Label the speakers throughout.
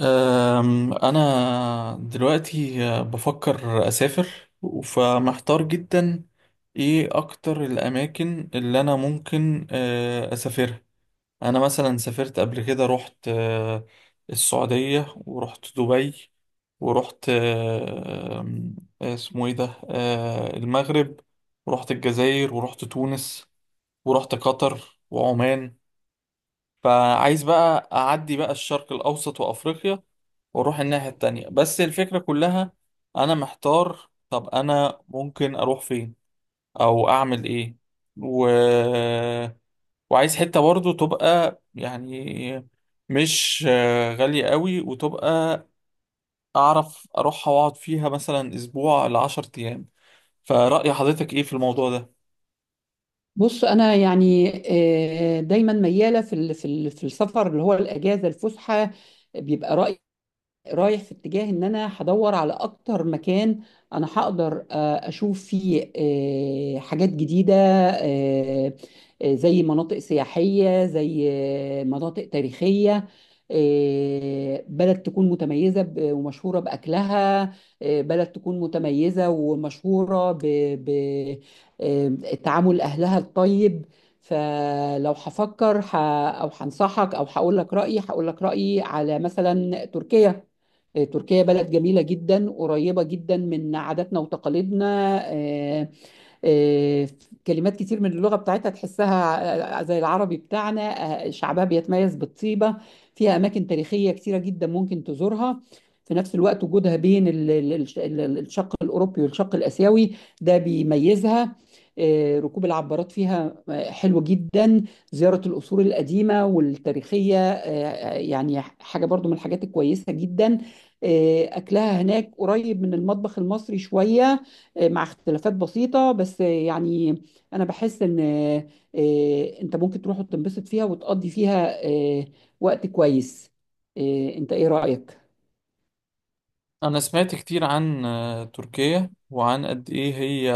Speaker 1: أنا دلوقتي بفكر أسافر، فمحتار جدا. إيه أكتر الأماكن اللي أنا ممكن أسافرها؟ أنا مثلا سافرت قبل كده، رحت السعودية، ورحت دبي، ورحت أه، أم، اسمه إيه ده، المغرب، ورحت الجزائر، ورحت تونس، ورحت قطر وعمان. فعايز بقى أعدي بقى الشرق الأوسط وأفريقيا وأروح الناحية التانية. بس الفكرة كلها أنا محتار، طب أنا ممكن أروح فين أو أعمل إيه؟ و... وعايز حتة برضو تبقى يعني مش غالية قوي، وتبقى أعرف أروحها وأقعد فيها مثلا أسبوع لعشر أيام. فرأي حضرتك إيه في الموضوع ده؟
Speaker 2: بص انا يعني، دايما مياله في السفر اللي هو الاجازه الفسحه. بيبقى رايح في اتجاه ان انا هدور على اكتر مكان انا هقدر اشوف فيه حاجات جديدة، زي مناطق سياحية، زي مناطق تاريخية. بلد تكون متميزة ومشهورة بأكلها. بلد تكون متميزة ومشهورة بتعامل أهلها الطيب. فلو هفكر أو هنصحك أو هقول لك رأيي على مثلا تركيا. تركيا بلد جميلة جدا، قريبة جدا من عاداتنا وتقاليدنا. آه، كلمات كتير من اللغة بتاعتها تحسها زي العربي بتاعنا. شعبها بيتميز بالطيبة. فيها أماكن تاريخية كتيرة جدا ممكن تزورها. في نفس الوقت وجودها بين الشق الأوروبي والشق الآسيوي، ده بيميزها. ركوب العبارات فيها حلو جدا. زيارة القصور القديمة والتاريخية يعني حاجة برضو من الحاجات الكويسة جدا. أكلها هناك قريب من المطبخ المصري شوية، مع اختلافات بسيطة بس يعني. أنا بحس إن أنت ممكن تروح وتنبسط فيها وتقضي فيها وقت كويس. أنت إيه رأيك؟
Speaker 1: أنا سمعت كتير عن تركيا، وعن قد إيه هي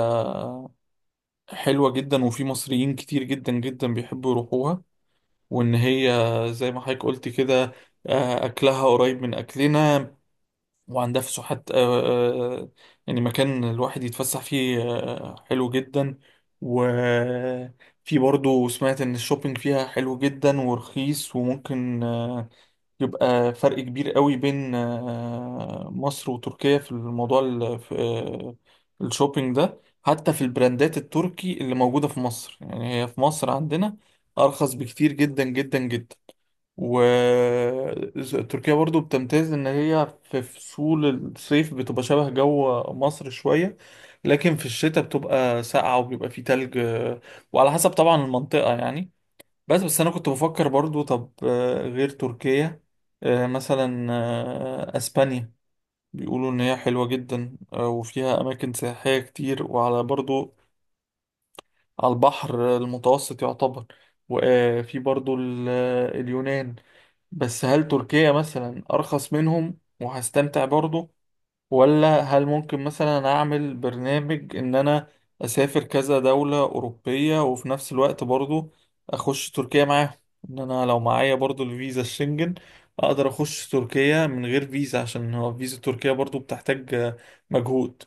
Speaker 1: حلوة جدا، وفي مصريين كتير جدا جدا بيحبوا يروحوها. وإن هي زي ما حضرتك قلت كده، أكلها قريب من أكلنا، وعندها فسحات يعني مكان الواحد يتفسح فيه حلو جدا. وفي برضو سمعت إن الشوبينج فيها حلو جدا ورخيص، وممكن يبقى فرق كبير قوي بين مصر وتركيا في الموضوع ال- في، آه، الشوبينج ده. حتى في البراندات التركي اللي موجودة في مصر، يعني هي في مصر عندنا أرخص بكتير جدا جدا جدا. وتركيا برضو بتمتاز إن هي في فصول، الصيف بتبقى شبه جو مصر شوية، لكن في الشتاء بتبقى ساقعة وبيبقى فيه تلج وعلى حسب طبعا المنطقة يعني. بس انا كنت بفكر برضو طب غير تركيا، مثلا اسبانيا، بيقولوا ان هي حلوة جدا وفيها اماكن سياحية كتير، وعلى برضو على البحر المتوسط يعتبر. وفي برضو اليونان. بس هل تركيا مثلا ارخص منهم وهستمتع برضو؟ ولا هل ممكن مثلا اعمل برنامج ان انا اسافر كذا دولة اوروبية، وفي نفس الوقت برضو اخش تركيا معاهم؟ ان انا لو معايا برضو الفيزا الشنجن، اقدر اخش تركيا من غير فيزا، عشان هو فيزا تركيا برضو بتحتاج مجهود.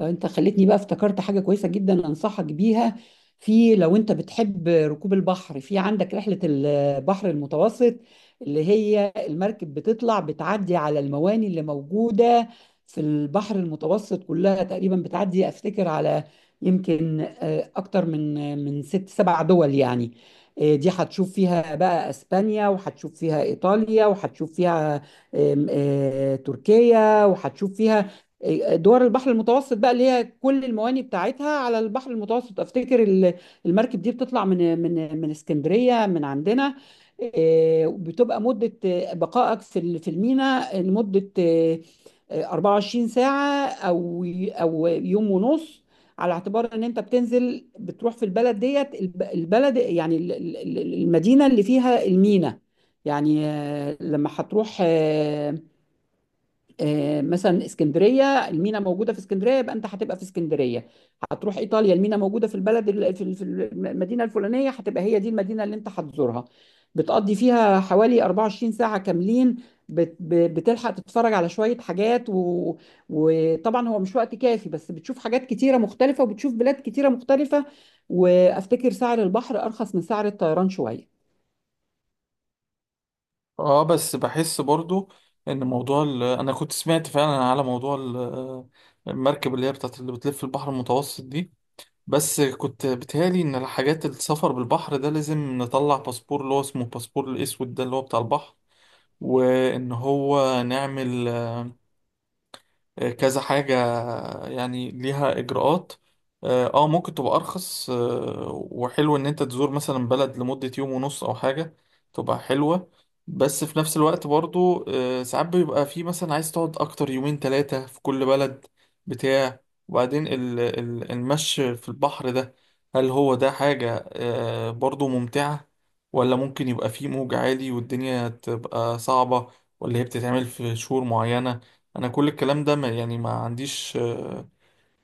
Speaker 2: لو انت خليتني بقى افتكرت حاجة كويسة جدا انصحك بيها. في، لو انت بتحب ركوب البحر، في عندك رحلة البحر المتوسط اللي هي المركب بتطلع بتعدي على المواني اللي موجودة في البحر المتوسط كلها تقريبا. بتعدي افتكر على يمكن اكتر من ست سبع دول يعني. دي هتشوف فيها بقى اسبانيا وهتشوف فيها ايطاليا وهتشوف فيها آم، آه، تركيا وهتشوف فيها دول البحر المتوسط بقى اللي هي كل المواني بتاعتها على البحر المتوسط. افتكر المركب دي بتطلع من اسكندريه من عندنا. بتبقى مده بقائك في الميناء لمده 24 ساعه او يوم ونص، على اعتبار ان انت بتنزل بتروح في البلد ديت. البلد يعني المدينه اللي فيها الميناء. يعني لما هتروح مثلا اسكندريه، المينا موجوده في اسكندريه يبقى انت هتبقى في اسكندريه. هتروح ايطاليا المينا موجوده في البلد ال- في ال- في المدينه الفلانيه، هتبقى هي دي المدينه اللي انت هتزورها. بتقضي فيها حوالي 24 ساعه كاملين. بتلحق تتفرج على شويه حاجات وطبعا هو مش وقت كافي، بس بتشوف حاجات كتيره مختلفه وبتشوف بلاد كتيره مختلفه. وافتكر سعر البحر ارخص من سعر الطيران شويه.
Speaker 1: اه بس بحس برضو ان موضوع انا كنت سمعت فعلا على موضوع المركب اللي هي بتاعت اللي بتلف البحر المتوسط دي. بس كنت بتهيألي إن الحاجات السفر بالبحر ده لازم نطلع باسبور اللي هو اسمه الباسبور الأسود ده اللي هو بتاع البحر، وإن هو نعمل كذا حاجة، يعني ليها إجراءات. اه ممكن تبقى أرخص، وحلو إن أنت تزور مثلا بلد لمدة يوم ونص أو حاجة، تبقى حلوة. بس في نفس الوقت برضو ساعات بيبقى في مثلا عايز تقعد أكتر، يومين تلاتة في كل بلد بتاع. وبعدين المشي في البحر ده، هل هو ده حاجة برضو ممتعة؟ ولا ممكن يبقى فيه موج عالي والدنيا تبقى صعبة؟ ولا هي بتتعمل في شهور معينة؟ انا كل الكلام ده ما يعني ما عنديش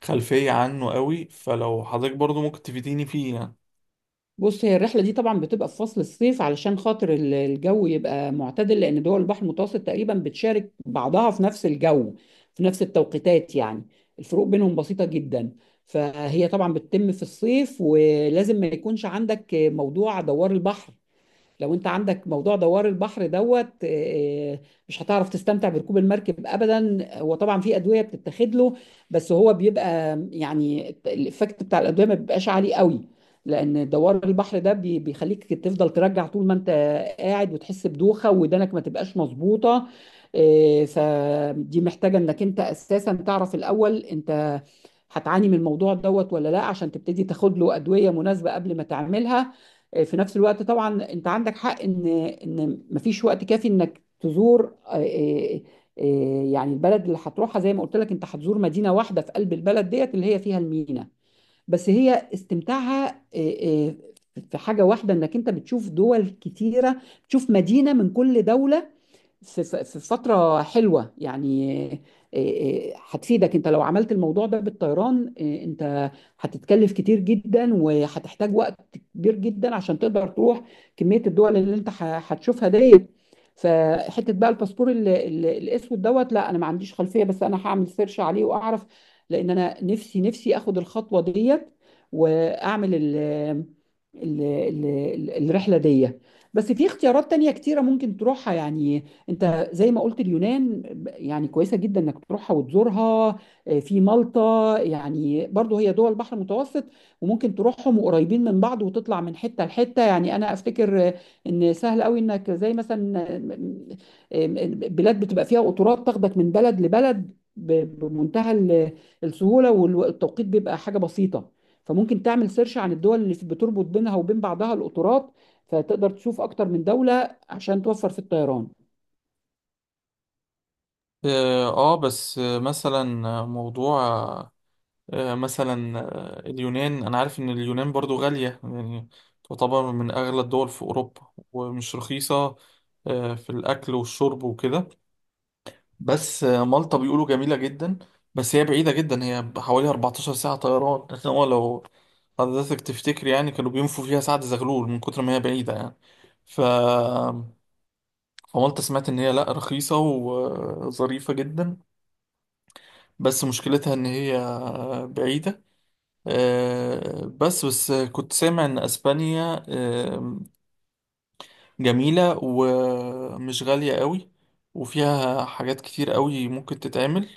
Speaker 1: خلفية عنه قوي، فلو حضرتك برضو ممكن تفيديني فيه يعني.
Speaker 2: بص، هي الرحلة دي طبعا بتبقى في فصل الصيف علشان خاطر الجو يبقى معتدل، لأن دول البحر المتوسط تقريبا بتشارك بعضها في نفس الجو، في نفس التوقيتات يعني. الفروق بينهم بسيطة جدا. فهي طبعا بتتم في الصيف، ولازم ما يكونش عندك موضوع دوار البحر. لو انت عندك موضوع دوار البحر دوت، مش هتعرف تستمتع بركوب المركب ابدا. هو طبعا في ادويه بتتاخد له، بس هو بيبقى يعني الايفكت بتاع الادويه ما بيبقاش عالي قوي، لان دوار البحر ده بيخليك تفضل ترجع طول ما انت قاعد، وتحس بدوخه ودانك ما تبقاش مظبوطه. فدي محتاجه انك انت اساسا تعرف الاول انت هتعاني من الموضوع دوت ولا لا، عشان تبتدي تاخد له ادويه مناسبه قبل ما تعملها. في نفس الوقت طبعا انت عندك حق ان مفيش وقت كافي انك تزور يعني البلد اللي هتروحها. زي ما قلت لك، انت هتزور مدينه واحده في قلب البلد ديت اللي هي فيها المينا، بس هي استمتاعها آه، في حاجه واحده، انك انت بتشوف دول كتيره، تشوف مدينه من كل دوله في فترة حلوة يعني. هتفيدك انت، لو عملت الموضوع ده بالطيران انت هتتكلف كتير جدا وهتحتاج وقت كبير جدا عشان تقدر تروح كمية الدول اللي انت هتشوفها ديت. فحتة بقى الباسبور الاسود دوت، لا انا ما عنديش خلفية، بس انا هعمل سيرش عليه واعرف، لان انا نفسي نفسي اخد الخطوة ديت واعمل الرحلة دي. بس في اختيارات تانية كتيرة ممكن تروحها يعني. انت زي ما قلت، اليونان يعني كويسه جدا انك تروحها وتزورها. في مالطا، يعني برضو هي دول البحر المتوسط، وممكن تروحهم وقريبين من بعض وتطلع من حته لحته. يعني انا افتكر ان سهل قوي انك زي مثلا آه، بلاد بتبقى فيها قطارات تاخدك من بلد لبلد بمنتهى السهوله، والتوقيت بيبقى حاجه بسيطه. فممكن تعمل سيرش عن الدول اللي بتربط بينها وبين بعضها القطارات، فتقدر تشوف اكتر من دولة عشان توفر في الطيران.
Speaker 1: اه بس مثلا موضوع مثلا اليونان، انا عارف ان اليونان برضو غالية يعني، تعتبر من اغلى الدول في اوروبا ومش رخيصة في الاكل والشرب وكده. بس مالطا بيقولوا جميلة جدا، بس هي بعيدة جدا، هي حوالي 14 ساعة طيران عشان هو لو حضرتك تفتكر يعني كانوا بينفوا فيها سعد زغلول من كتر ما هي بعيدة يعني. ف... فمالطا سمعت إن هي لأ، رخيصة وظريفة جدا، بس مشكلتها إن هي بعيدة. بس كنت سامع إن أسبانيا جميلة ومش غالية قوي، وفيها حاجات كتير قوي ممكن تتعمل.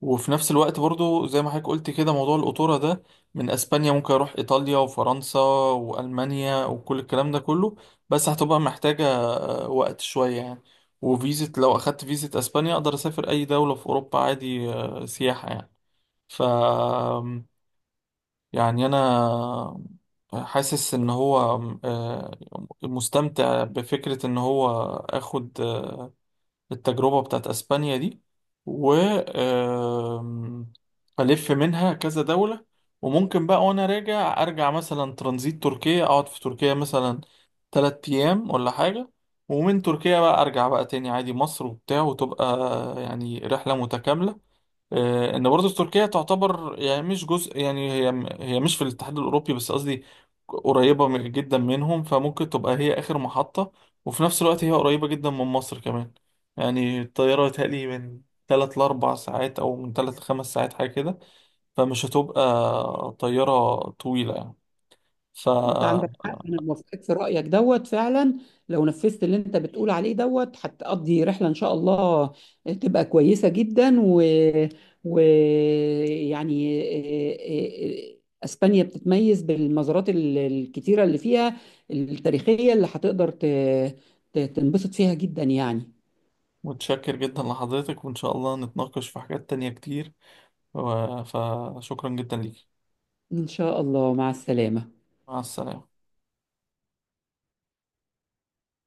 Speaker 1: وفي نفس الوقت برضو زي ما حضرتك قلت كده موضوع القطورة ده، من اسبانيا ممكن اروح ايطاليا وفرنسا والمانيا وكل الكلام ده كله. بس هتبقى محتاجة وقت شوية يعني. وفيزة، لو اخدت فيزة اسبانيا اقدر اسافر اي دولة في اوروبا عادي سياحة يعني. ف يعني انا حاسس ان هو آه، مستمتع بفكرة ان هو اخد التجربة بتاعت اسبانيا دي. و آم، الف منها كذا دولة، وممكن بقى وانا راجع ارجع مثلا ترانزيت تركيا، اقعد في تركيا مثلا تلات ايام ولا حاجة. ومن تركيا بقى ارجع بقى تاني عادي مصر وبتاع، وتبقى يعني رحلة متكاملة. ان برضه تركيا تعتبر، يعني مش جزء، يعني هي مش في الاتحاد الاوروبي بس قصدي قريبه جدا منهم، فممكن تبقى هي اخر محطه. وفي نفس الوقت هي قريبه جدا من مصر كمان، يعني الطياره يتهيألي من 3 ل 4 ساعات او من 3 ل 5 ساعات حاجه كده، فمش هتبقى طياره طويله يعني. ف
Speaker 2: انت عندك حق، انا موافقك في رايك دوت فعلا. لو نفذت اللي انت بتقول عليه دوت هتقضي رحله ان شاء الله تبقى كويسه جدا و... يعني اه- اه- اسبانيا بتتميز بالمزارات الكتيره اللي فيها التاريخيه، اللي هتقدر تنبسط فيها جدا يعني.
Speaker 1: متشكر جدا لحضرتك، وان شاء الله نتناقش في حاجات تانية كتير، فشكرا جدا ليك،
Speaker 2: ان شاء الله مع السلامه.
Speaker 1: مع السلامه.